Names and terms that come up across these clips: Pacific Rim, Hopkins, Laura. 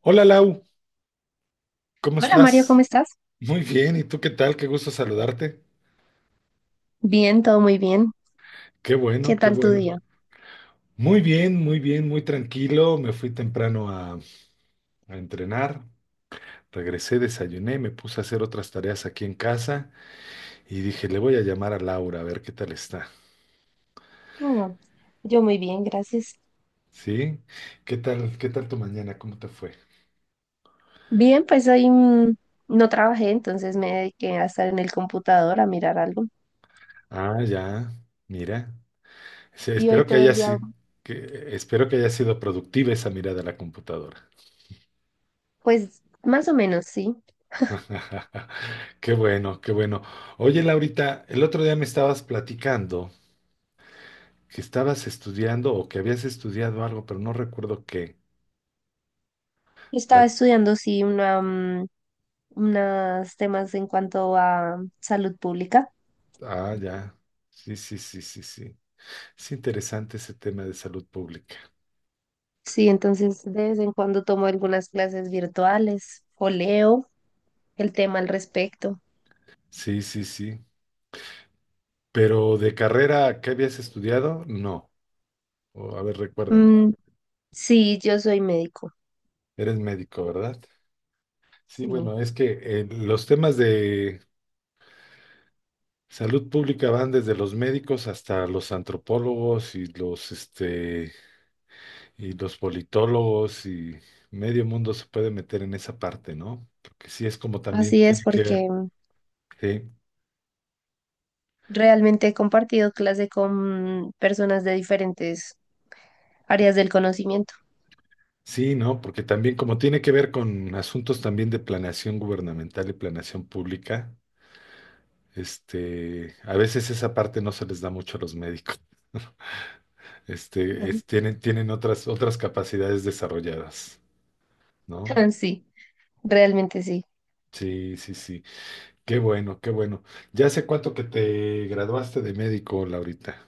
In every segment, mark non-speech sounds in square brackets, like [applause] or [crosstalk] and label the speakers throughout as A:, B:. A: Hola Lau, ¿cómo
B: Hola Mario, ¿cómo
A: estás?
B: estás?
A: Muy bien, ¿y tú qué tal? Qué gusto saludarte.
B: Bien, todo muy bien.
A: Qué
B: ¿Qué
A: bueno, qué
B: tal tu
A: bueno.
B: día?
A: Muy bien, muy bien, muy tranquilo. Me fui temprano a entrenar, regresé, desayuné, me puse a hacer otras tareas aquí en casa y dije, le voy a llamar a Laura a ver qué tal está.
B: Ah, yo muy bien, gracias.
A: ¿Sí? ¿Qué tal tu mañana? ¿Cómo te fue?
B: Bien, pues hoy no trabajé, entonces me dediqué a estar en el computador a mirar algo.
A: Ah, ya, mira. Sí,
B: Y hoy todo el día,
A: espero que haya sido productiva esa mirada a la computadora.
B: pues más o menos, sí.
A: [laughs] Qué bueno, qué bueno. Oye, Laurita, el otro día me estabas platicando que estabas estudiando o que habías estudiado algo, pero no recuerdo qué.
B: Estaba
A: Pla-
B: estudiando, sí, unos temas en cuanto a salud pública.
A: ah, ya. Sí, sí, sí, sí, sí. Es interesante ese tema de salud pública.
B: Sí, entonces de vez en cuando tomo algunas clases virtuales o leo el tema al respecto.
A: Sí, sí, sí. Pero de carrera, ¿qué habías estudiado? No. O, a ver, recuérdame.
B: Mm, sí, yo soy médico.
A: Eres médico, ¿verdad? Sí,
B: Sí.
A: bueno, es que los temas de salud pública van desde los médicos hasta los antropólogos y los politólogos y medio mundo se puede meter en esa parte, ¿no? Porque sí es como también
B: Así es,
A: tiene que ver,
B: porque
A: sí,
B: realmente he compartido clase con personas de diferentes áreas del conocimiento.
A: sí, ¿no? Porque también como tiene que ver con asuntos también de planeación gubernamental y planeación pública, a veces esa parte no se les da mucho a los médicos. [laughs] Este,
B: Ujú.
A: es- tienen, tienen otras, otras capacidades desarrolladas, ¿no?
B: [laughs] Sí, realmente sí.
A: Sí, sí, sí. Qué bueno, qué bueno. ¿Ya hace cuánto que te graduaste de médico, Laurita?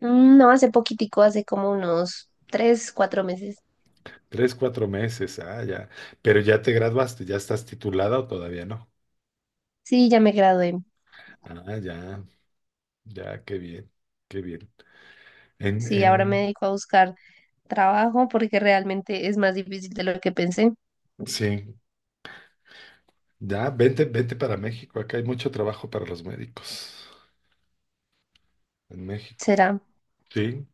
B: No, hace poquitico, hace como unos tres, cuatro meses.
A: Tres, cuatro meses, ah, ya. Pero ya te graduaste, ya estás titulada o todavía no.
B: Sí, ya me gradué.
A: Ah, ya, ya, qué bien, qué bien. En,
B: Sí, ahora me
A: en,
B: dedico a buscar trabajo porque realmente es más difícil de lo que pensé.
A: sí, ya, vente, vente para México, acá hay mucho trabajo para los médicos en México.
B: Será.
A: Sí,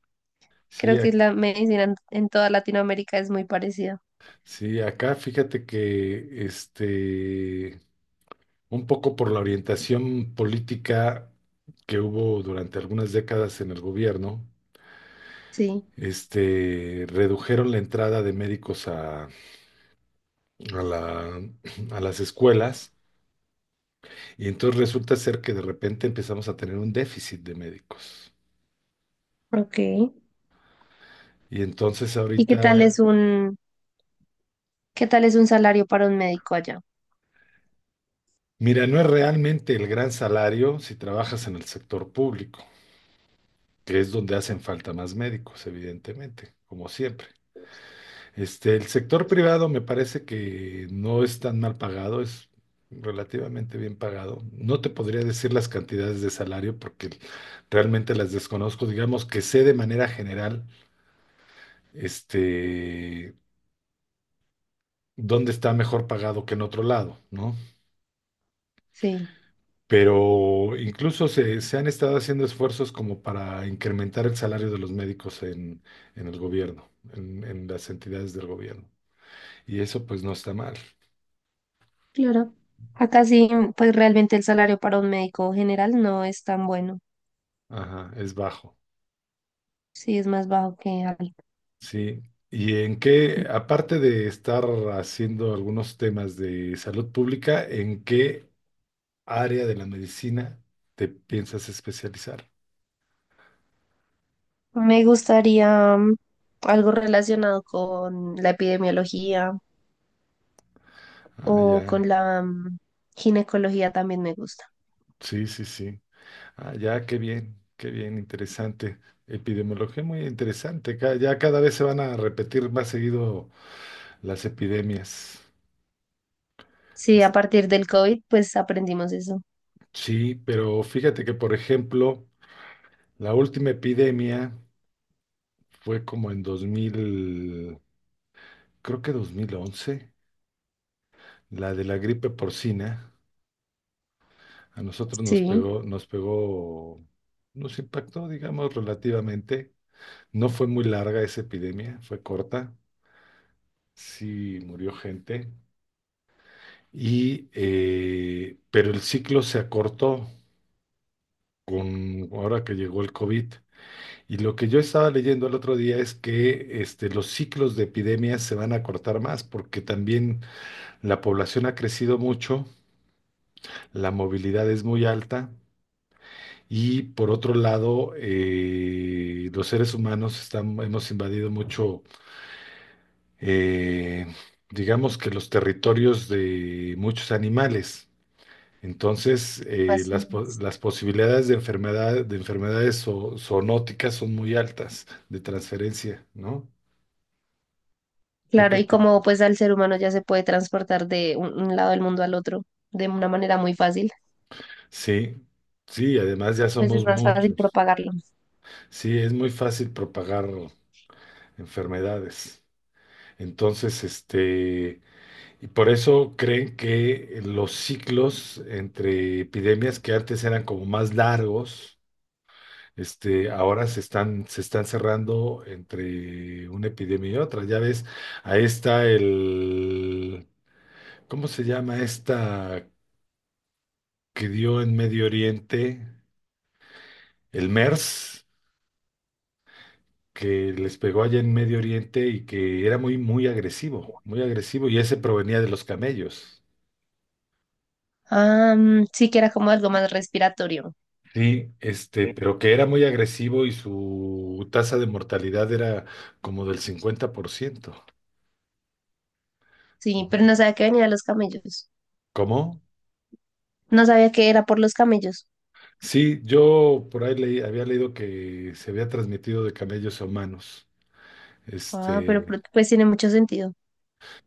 A: sí,
B: Creo que la medicina en toda Latinoamérica es muy parecida.
A: sí, acá fíjate que, un poco por la orientación política que hubo durante algunas décadas en el gobierno,
B: Sí.
A: redujeron la entrada de médicos a la- a las escuelas y entonces resulta ser que de repente empezamos a tener un déficit de médicos.
B: Ok.
A: Y entonces
B: ¿Y qué tal
A: ahorita,
B: es un, Qué tal es un salario para un médico allá?
A: mira, no es realmente el gran salario si trabajas en el sector público, que es donde hacen falta más médicos, evidentemente, como siempre. El sector privado me parece que no es tan mal pagado, es relativamente bien pagado. No te podría decir las cantidades de salario porque realmente las desconozco. Digamos que sé de manera general este, dónde está mejor pagado que en otro lado, ¿no?
B: Sí.
A: Pero incluso se han estado haciendo esfuerzos como para incrementar el salario de los médicos en el gobierno, en las entidades del gobierno. Y eso pues no está mal.
B: Claro. Acá sí, pues realmente el salario para un médico general no es tan bueno.
A: Ajá, es bajo.
B: Sí, es más bajo que algo.
A: Sí. ¿Y en qué, aparte de estar haciendo algunos temas de salud pública, en qué área de la medicina te piensas especializar?
B: Me gustaría algo relacionado con la epidemiología
A: Ah,
B: o
A: ya.
B: con la ginecología también me gusta.
A: Sí, sí, sí. Ah, ya, qué bien, interesante. Epidemiología muy interesante. Ya cada vez se van a repetir más seguido las epidemias.
B: Sí,
A: Es-
B: a partir del COVID, pues aprendimos eso.
A: sí, pero fíjate que, por ejemplo, la última epidemia fue como en 2000, creo que 2011, la de la gripe porcina. A nosotros nos
B: Sí,
A: pegó, nos pegó, nos impactó, digamos, relativamente. No fue muy larga esa epidemia, fue corta. Sí, murió gente. Y, pero el ciclo se acortó con ahora que llegó el COVID. Y lo que yo estaba leyendo el otro día es que los ciclos de epidemias se van a acortar más porque también la población ha crecido mucho, la movilidad es muy alta. Y por otro lado, los seres humanos hemos invadido mucho, eh, digamos que los territorios de muchos animales. Entonces,
B: así
A: las, po-
B: es.
A: las posibilidades de enfermedades zoonóticas son muy altas de transferencia, ¿no? ¿Tú qué
B: Claro, y
A: opinas?
B: como pues al ser humano ya se puede transportar de un lado del mundo al otro de una manera muy fácil,
A: Sí, sí, además ya
B: pues es
A: somos
B: más fácil
A: muchos.
B: propagarlo.
A: Sí, es muy fácil propagar enfermedades. Entonces, y por eso creen que los ciclos entre epidemias que antes eran como más largos, ahora se están cerrando entre una epidemia y otra. Ya ves, ahí está ¿cómo se llama esta que dio en Medio Oriente? El MERS, que les pegó allá en Medio Oriente y que era muy, muy agresivo, y ese provenía de los camellos.
B: Ah, sí, que era como algo más respiratorio.
A: Sí, pero que era muy agresivo y su tasa de mortalidad era como del 50%.
B: Sí, pero no sabía que venía de los camellos.
A: ¿Cómo?
B: No sabía que era por los camellos.
A: Sí, yo por ahí había leído que se había transmitido de camellos a humanos.
B: Ah,
A: Este,
B: pues tiene mucho sentido.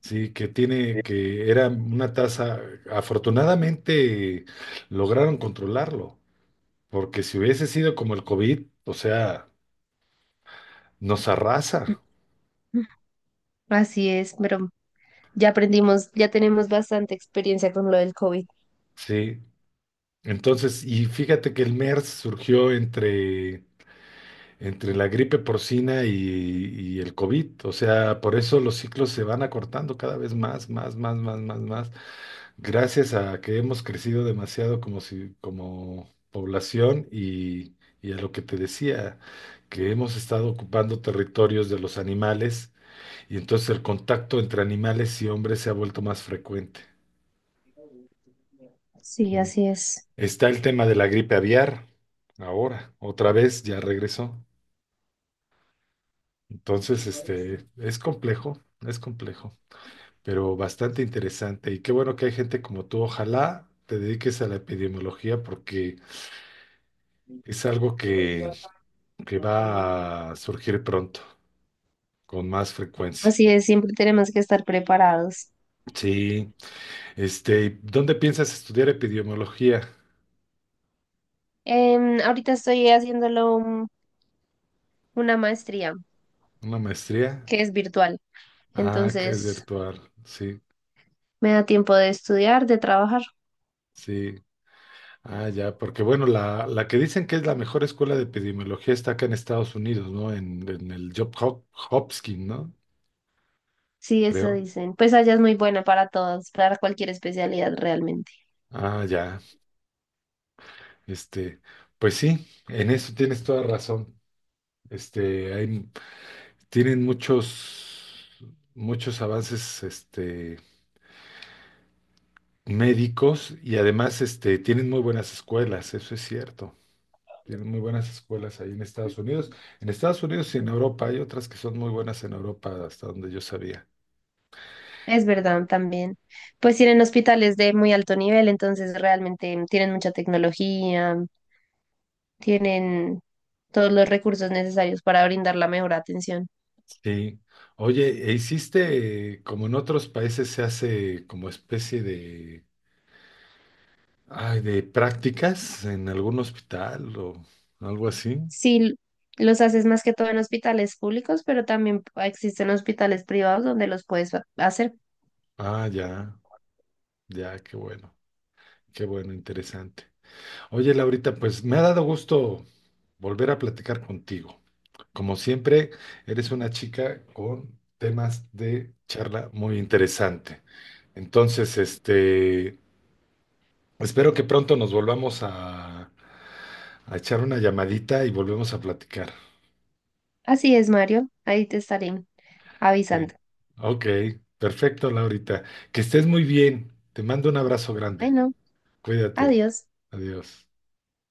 A: sí, que era una tasa, afortunadamente lograron controlarlo, porque si hubiese sido como el COVID, o sea, nos arrasa,
B: [clears throat] Así es, pero ya aprendimos, ya tenemos bastante experiencia con lo del COVID.
A: sí. Entonces, y fíjate que el MERS surgió entre la gripe porcina y el COVID, o sea, por eso los ciclos se van acortando cada vez más, más, más, más, más, más. Gracias a que hemos crecido demasiado como si, como población y a lo que te decía, que hemos estado ocupando territorios de los animales y entonces el contacto entre animales y hombres se ha vuelto más frecuente.
B: Sí,
A: Mm.
B: así es.
A: Está el tema de la gripe aviar, ahora, otra vez ya regresó. Entonces, es complejo, pero bastante interesante. Y qué bueno que hay gente como tú. Ojalá te dediques a la epidemiología porque es algo que va a surgir pronto, con más frecuencia.
B: Así es, siempre tenemos que estar preparados.
A: Sí, ¿dónde piensas estudiar epidemiología?
B: Ahorita estoy haciéndolo un- una maestría
A: ¿Una maestría?
B: que es virtual,
A: Ah, que es
B: entonces
A: virtual, sí,
B: me da tiempo de estudiar, de trabajar.
A: sí. Ah, ya, porque bueno, la que dicen que es la mejor escuela de epidemiología está acá en Estados Unidos, ¿no? En el Job Hopkins, ¿no?
B: Sí, eso
A: Creo.
B: dicen. Pues allá es muy buena para todos, para cualquier especialidad realmente.
A: Ah, ya, este, pues sí, en eso tienes toda razón. Este, hay, Tienen muchos, muchos avances médicos y además tienen muy buenas escuelas, eso es cierto. Tienen muy buenas escuelas ahí en Estados Unidos. En Estados Unidos y en Europa hay otras que son muy buenas en Europa, hasta donde yo sabía.
B: Es verdad también. Pues tienen hospitales de muy alto nivel, entonces realmente tienen mucha tecnología, tienen todos los recursos necesarios para brindar la mejor atención.
A: Sí. Oye, ¿e hiciste, como en otros países se hace como especie de prácticas en algún hospital o algo así?
B: Sí, los haces más que todo en hospitales públicos, pero también existen hospitales privados donde los puedes hacer.
A: Ah, ya, ya, qué bueno, interesante. Oye, Laurita, pues me ha dado gusto volver a platicar contigo. Como siempre, eres una chica con temas de charla muy interesante. Entonces, espero que pronto nos volvamos a, echar una llamadita y volvemos a platicar.
B: Así es, Mario. Ahí te estaré avisando.
A: Bien. Ok, perfecto, Laurita. Que estés muy bien. Te mando un abrazo grande.
B: Bueno,
A: Cuídate.
B: adiós.
A: Adiós.